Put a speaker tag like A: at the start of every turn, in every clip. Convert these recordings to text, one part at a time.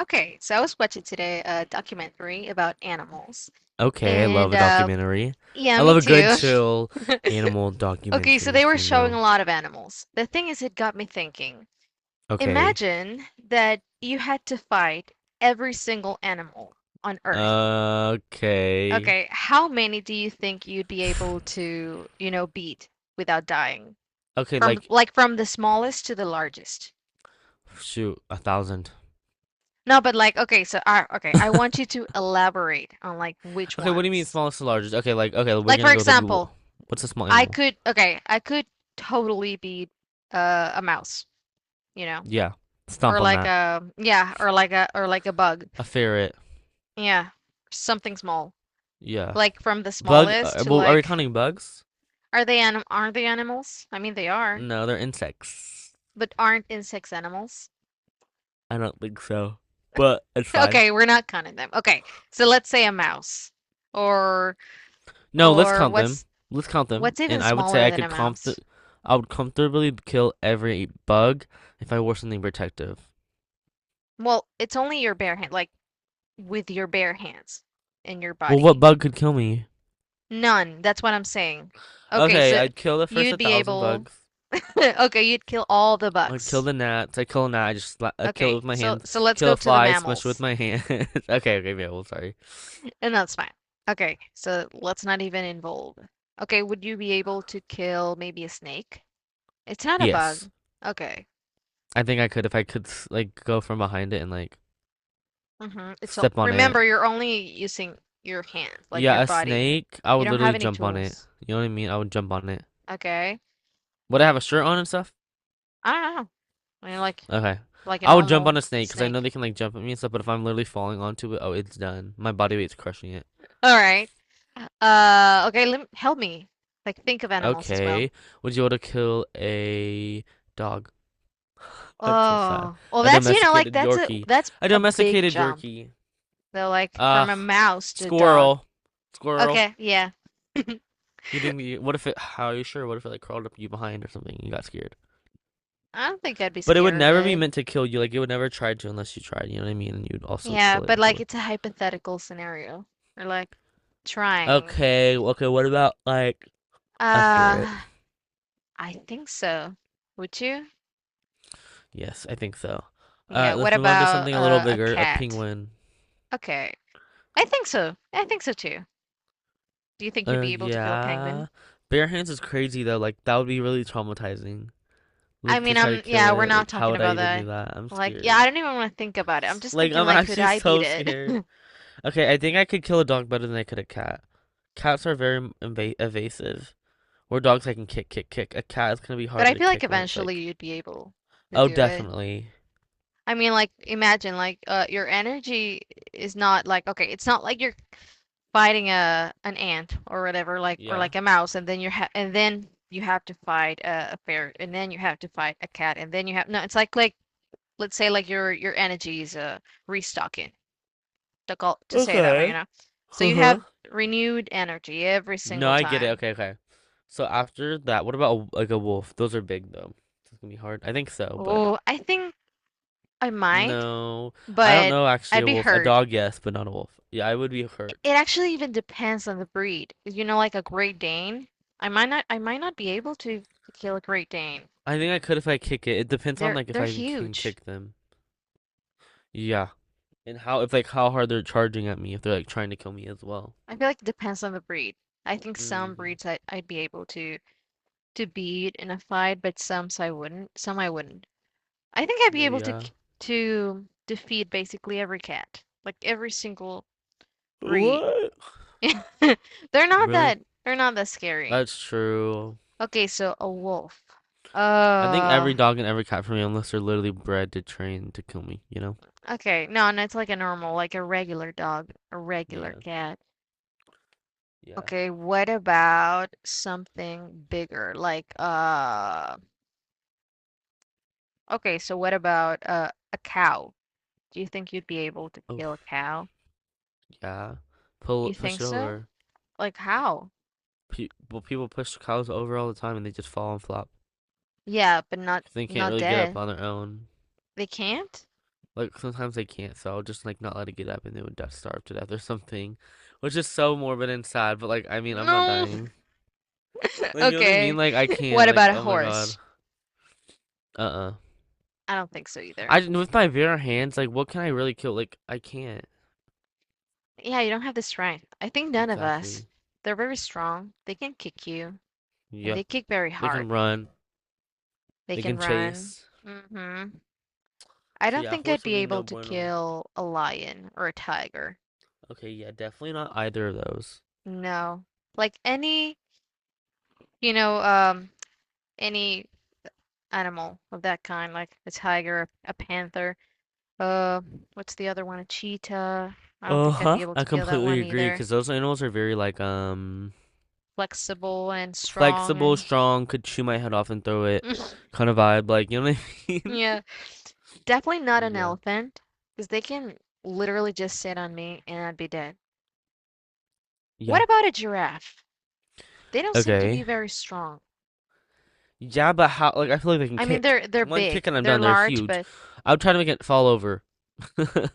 A: Okay, so I was watching today a documentary about animals,
B: Okay, I love
A: and
B: a documentary.
A: yeah,
B: I
A: me
B: love a good
A: too.
B: chill animal
A: Okay, so
B: documentary
A: they
B: if
A: were
B: you
A: showing a
B: know.
A: lot of animals. The thing is, it got me thinking.
B: Okay.
A: Imagine that you had to fight every single animal on Earth.
B: Okay.
A: Okay, how many do you think you'd be able to, you know, beat without dying?
B: Okay, like
A: From the smallest to the largest.
B: shoot, a thousand.
A: No, but like, okay, okay, I want you to elaborate on like which
B: Okay, what do you mean
A: ones.
B: smallest to largest? Okay, like, we're
A: Like
B: gonna
A: for
B: go with like
A: example,
B: what's a small animal?
A: I could totally be a mouse, you know,
B: Yeah.
A: or
B: Stomp on
A: like
B: that.
A: a yeah, or like a bug.
B: A ferret.
A: Yeah, something small.
B: Yeah.
A: Like from the
B: Bug
A: smallest to
B: well, are we
A: like
B: counting bugs?
A: are they animals? I mean they are,
B: No, they're insects.
A: but aren't insects animals?
B: I don't think so. But it's fine.
A: Okay, we're not counting them. Okay. So let's say a mouse or
B: No, let's count them.
A: what's
B: Let's count them.
A: even
B: And I would say
A: smaller than a mouse?
B: I would comfortably kill every bug if I wore something protective.
A: Well, it's only your bare hand, like with your bare hands and your
B: Well, what
A: body.
B: bug could kill me?
A: None. That's what I'm saying. Okay,
B: Okay,
A: so
B: I'd kill the first
A: you'd be
B: 1,000
A: able
B: bugs.
A: okay, you'd kill all the
B: I'd kill
A: bugs.
B: the gnats. I kill a gnat. I kill it
A: Okay,
B: with my
A: so
B: hands.
A: so let's
B: Kill
A: go
B: a
A: to the
B: fly. Smash it with
A: mammals.
B: my hand. Okay, yeah, well, sorry.
A: And that's fine. Okay, so let's not even involve. Okay, would you be able to kill maybe a snake? It's not a bug.
B: Yes,
A: Okay.
B: I think I could if I could like go from behind it and like
A: Mm-hmm. It's all,
B: step on it.
A: remember you're only using your hands, like your
B: Yeah, a
A: body.
B: snake. I
A: You
B: would
A: don't have
B: literally
A: any
B: jump on it.
A: tools.
B: You know what I mean? I would jump on it.
A: Okay.
B: Would I have a shirt on and stuff?
A: I don't know. I mean
B: Okay.
A: like a
B: I would jump on
A: normal
B: a snake because I know
A: snake.
B: they can like jump at me and stuff, but if I'm literally falling onto it, oh, it's done. My body weight's crushing it.
A: All right. Okay, lem help me. Like think of animals as well.
B: Okay. Would you want to kill a dog? That's so sad.
A: Oh, well,
B: A
A: that's you know, like
B: domesticated Yorkie.
A: that's
B: A
A: a big
B: domesticated
A: jump.
B: Yorkie.
A: Though, like from a
B: Ugh.
A: mouse to a dog.
B: Squirrel. Squirrel.
A: Okay, yeah.
B: You didn't. You, what if it? How are you sure? What if it like crawled up you behind or something? And you got scared.
A: I don't think I'd be
B: But it would
A: scared of
B: never be
A: it.
B: meant to kill you. Like it would never try to unless you tried. You know what I mean? And you'd also
A: Yeah,
B: kill it
A: but like
B: before.
A: it's a hypothetical scenario. Or like trying.
B: Okay. Okay. What about like a ferret?
A: Uh, I think so. Would you?
B: Yes, I think so. All
A: Yeah,
B: right,
A: what
B: let's move on to
A: about
B: something a little
A: a
B: bigger, a
A: cat?
B: penguin.
A: Okay. I think so. I think so too. Do you think you'd be able to kill a
B: Yeah.
A: penguin?
B: Bare hands is crazy though. Like that would be really traumatizing.
A: I
B: Like to
A: mean,
B: try to
A: I'm
B: kill
A: yeah, we're
B: it.
A: not
B: Like how
A: talking
B: would I
A: about
B: even do
A: that.
B: that? I'm
A: Like, yeah, I
B: scared.
A: don't even want to think about it. I'm just
B: Like
A: thinking
B: I'm
A: like, could
B: actually
A: I beat
B: so
A: it?
B: scared. Okay, I think I could kill a dog better than I could a cat. Cats are very inva evasive. Where dogs I can kick, kick, kick. A cat is gonna be
A: But I
B: harder to
A: feel like
B: kick when it's
A: eventually
B: like,
A: you'd be able to
B: oh,
A: do it.
B: definitely.
A: I mean, like, imagine like your energy is not like okay, it's not like you're fighting a an ant or whatever, like or
B: Yeah.
A: like a mouse, and then you're ha and then you have to fight a bear, and then you have to fight a cat, and then you have no, it's like let's say like your energy is restocking. Difficult to say that way, you
B: Okay.
A: know. So you
B: Uh-huh.
A: have renewed energy every
B: No,
A: single
B: I get it.
A: time.
B: Okay. So after that, what about like a wolf? Those are big though. It's gonna be hard. I think so, but
A: Oh, I think I might,
B: no, I don't
A: but
B: know actually
A: I'd
B: a
A: be
B: wolf. A
A: hurt.
B: dog, yes, but not a wolf. Yeah, I would be
A: It
B: hurt.
A: actually even depends on the breed. You know, like a Great Dane, I might not be able to kill a Great Dane.
B: I think I could if I kick it. It depends on like if
A: They're
B: I can
A: huge.
B: kick them. Yeah. And how if like how hard they're charging at me if they're like trying to kill me as well.
A: I feel like it depends on the breed. I think some
B: Hmm.
A: breeds I, I'd be able to beat in a fight, but some I wouldn't. Some I wouldn't. I think I'd be
B: No,
A: able to
B: yeah.
A: k- To defeat basically every cat, like every single breed.
B: What? Really?
A: They're not that scary.
B: That's true.
A: Okay, so a wolf.
B: I think
A: Uh,
B: every dog and every cat for me, unless they're literally bred to train to kill me, you know?
A: okay. No, and it's like a normal, like a regular dog, a regular
B: Yeah.
A: cat.
B: Yeah.
A: Okay, what about something bigger? Like okay, so what about a cow? Do you think you'd be able to kill a
B: Oof.
A: cow?
B: Yeah. Pull
A: You think
B: push it
A: so?
B: over.
A: Like how?
B: Well, people push cows over all the time and they just fall and flop.
A: Yeah, but not
B: 'Cause they can't
A: not
B: really get up
A: dead.
B: on their own.
A: They can't?
B: Like sometimes they can't, so I'll just like not let it get up and they would die, starve to death or something, which is so morbid and sad. But like, I mean, I'm not
A: No.
B: dying. Like, you know what I mean?
A: Okay.
B: Like, I
A: What
B: can't. Like,
A: about a
B: oh my god.
A: horse?
B: Uh-uh.
A: I don't think so either.
B: I with my bare hands. Like, what can I really kill? Like, I can't.
A: Yeah, you don't have the strength. I think none of us.
B: Exactly.
A: They're very strong. They can kick you, and
B: Yep.
A: they kick very
B: They
A: hard.
B: can run.
A: They
B: They
A: can
B: can
A: run.
B: chase.
A: Hmm, I
B: So
A: don't
B: yeah,
A: think I'd
B: horse would
A: be
B: be
A: able
B: no
A: to
B: bueno.
A: kill a lion or a tiger.
B: Okay, yeah, definitely not either of those.
A: No. Like any, you know, any animal of that kind, like a tiger, a panther, uh, what's the other one? A cheetah. I don't think I'd
B: Uh-huh.
A: be able
B: I
A: to kill that
B: completely
A: one
B: agree
A: either.
B: because those animals are very like
A: Flexible and
B: flexible,
A: strong
B: strong, could chew my head off and throw it
A: and
B: kind of vibe, like you know what I mean?
A: yeah. Definitely not an
B: Yeah.
A: elephant, because they can literally just sit on me and I'd be dead. What
B: Yeah.
A: about a giraffe? They don't seem to be
B: Okay.
A: very strong.
B: Yeah, but how like I feel like they can
A: I mean,
B: kick.
A: they're
B: One kick
A: big,
B: and I'm
A: they're
B: done. They're
A: large,
B: huge.
A: but
B: I would try to make it fall over. I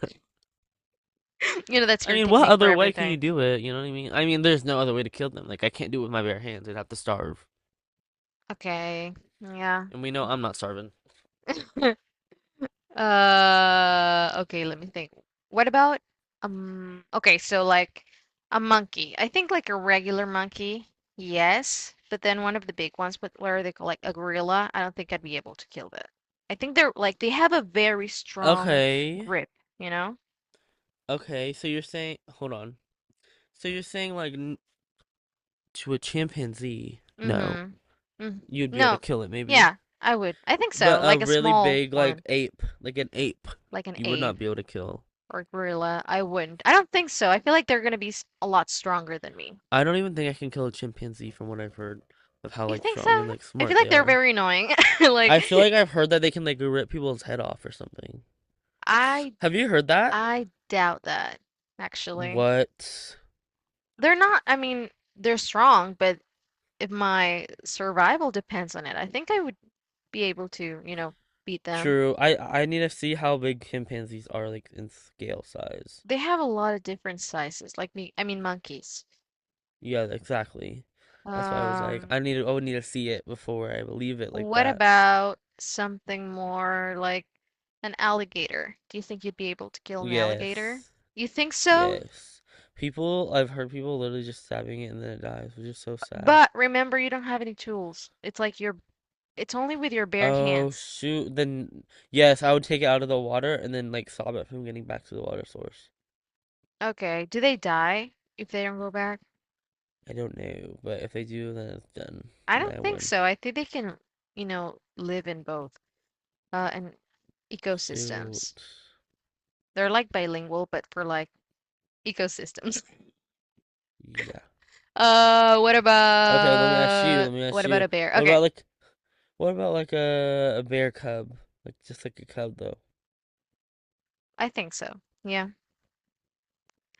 A: you know that's your
B: mean, what
A: technique for
B: other way can you
A: everything.
B: do it? You know what I mean? I mean, there's no other way to kill them. Like I can't do it with my bare hands. I'd have to starve.
A: Okay, yeah.
B: And we know I'm not starving. So
A: Okay, let me think. What about okay, so like a monkey. I think like a regular monkey, yes, but then one of the big ones, but what are they called? Like a gorilla. I don't think I'd be able to kill that. I think they're like they have a very strong
B: okay.
A: grip, you know?
B: Okay, so you're saying hold on. So you're saying to a chimpanzee, no,
A: Mm-hmm. Mm.
B: you'd be able to
A: No.
B: kill it maybe.
A: Yeah, I would. I think so.
B: But a
A: Like a
B: really
A: small
B: big,
A: one,
B: like an ape,
A: like an
B: you would
A: ape
B: not be able to kill.
A: or gorilla. I wouldn't. I don't think so. I feel like they're gonna be s- a lot stronger than me.
B: I don't even think I can kill a chimpanzee from what I've heard of how
A: You
B: like
A: think so?
B: strong and like
A: I feel
B: smart
A: like
B: they
A: they're
B: are.
A: very annoying.
B: I
A: Like
B: feel like I've heard that they can like rip people's head off or something.
A: I
B: Have you heard that?
A: I doubt that actually.
B: What?
A: They're not, I mean, they're strong, but if my survival depends on it, I think I would be able to, you know, beat them.
B: True. I need to see how big chimpanzees are like in scale size.
A: They have a lot of different sizes, like me, I mean monkeys.
B: Yeah, exactly. That's why I was like,
A: Um,
B: I need to, I would need to see it before I believe it like
A: what
B: that.
A: about something more like an alligator? Do you think you'd be able to kill an alligator?
B: Yes.
A: You think so?
B: Yes. People, I've heard people literally just stabbing it and then it dies, which is so sad.
A: But remember, you don't have any tools. It's like you're it's only with your bare
B: Oh,
A: hands.
B: shoot. Then, yes, I would take it out of the water and then, like, stop it from getting back to the water source.
A: Okay. Do they die if they don't go back?
B: I don't know, but if they do, then it's done.
A: I don't
B: Then I
A: think
B: win.
A: so. I think they can, you know, live in both and ecosystems.
B: Shoot.
A: They're like bilingual, but for like ecosystems.
B: Yeah.
A: What
B: Okay, let me ask you.
A: about
B: Let me ask you.
A: a bear?
B: What
A: Okay,
B: about, like, what about, like, a bear cub? Like, just like a cub, though.
A: I think so. Yeah.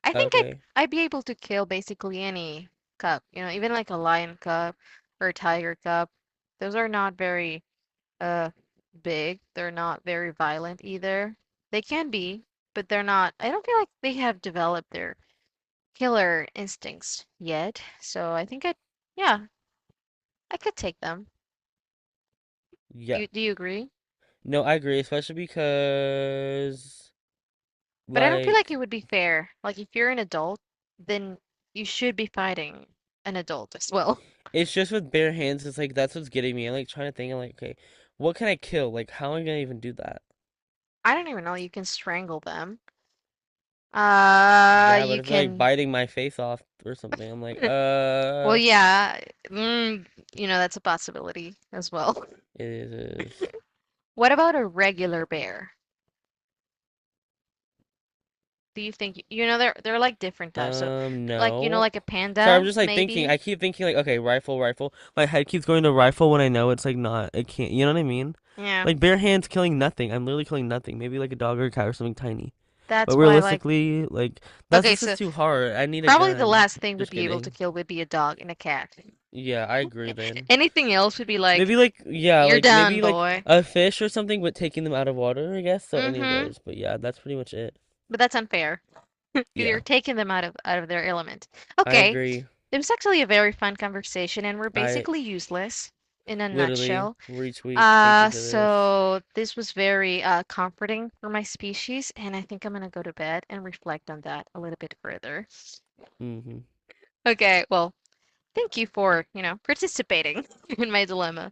A: I think
B: Okay.
A: I'd be able to kill basically any cub, you know, even like a lion cub or a tiger cub. Those are not very uh big. They're not very violent either. They can be, but they're not. I don't feel like they have developed their killer instincts yet. So yeah, I could take them.
B: Yeah.
A: You agree?
B: No, I agree, especially because,
A: But I don't feel like
B: like,
A: it would be fair. Like if you're an adult, then you should be fighting an adult as well.
B: it's just with bare hands. It's like that's what's getting me. I'm like trying to think. I'm like, okay, what can I kill? Like, how am I gonna even do that?
A: I don't even know. You can strangle them.
B: Yeah, but
A: You
B: if they're like
A: can.
B: biting my face off or something, I'm like,
A: Well, yeah. Mm, you know, that's a possibility as well.
B: it is.
A: What about a regular bear, do you think? You know, they're like different types. So, like you know,
B: No.
A: like a
B: Sorry, I'm
A: panda,
B: just like thinking. I
A: maybe.
B: keep thinking like, okay, rifle, rifle. My head keeps going to rifle when I know it's like not. It can't. You know what I mean?
A: Yeah,
B: Like bare hands killing nothing. I'm literally killing nothing. Maybe like a dog or a cat or something tiny.
A: that's
B: But
A: why. Like,
B: realistically, like that's
A: okay,
B: this is
A: so
B: too hard. I need a
A: probably the
B: gun.
A: last thing we'd
B: Just
A: be able to
B: kidding.
A: kill would be a dog and a cat.
B: Yeah, I agree then.
A: Anything else would be like,
B: Maybe like yeah,
A: you're
B: like
A: done,
B: maybe like
A: boy.
B: a fish or something, but taking them out of water, I guess. So any of
A: Mm-hmm.
B: those. But yeah, that's pretty much it.
A: But that's unfair. 'Cause you're
B: Yeah,
A: taking them out of their element.
B: I
A: Okay,
B: agree.
A: it was actually a very fun conversation, and we're
B: I
A: basically useless in a
B: literally
A: nutshell.
B: retweet. Thank you for this.
A: So this was very comforting for my species, and I think I'm gonna go to bed and reflect on that a little bit further.
B: Hmm.
A: Okay, well, thank you for, you know, participating in my dilemma.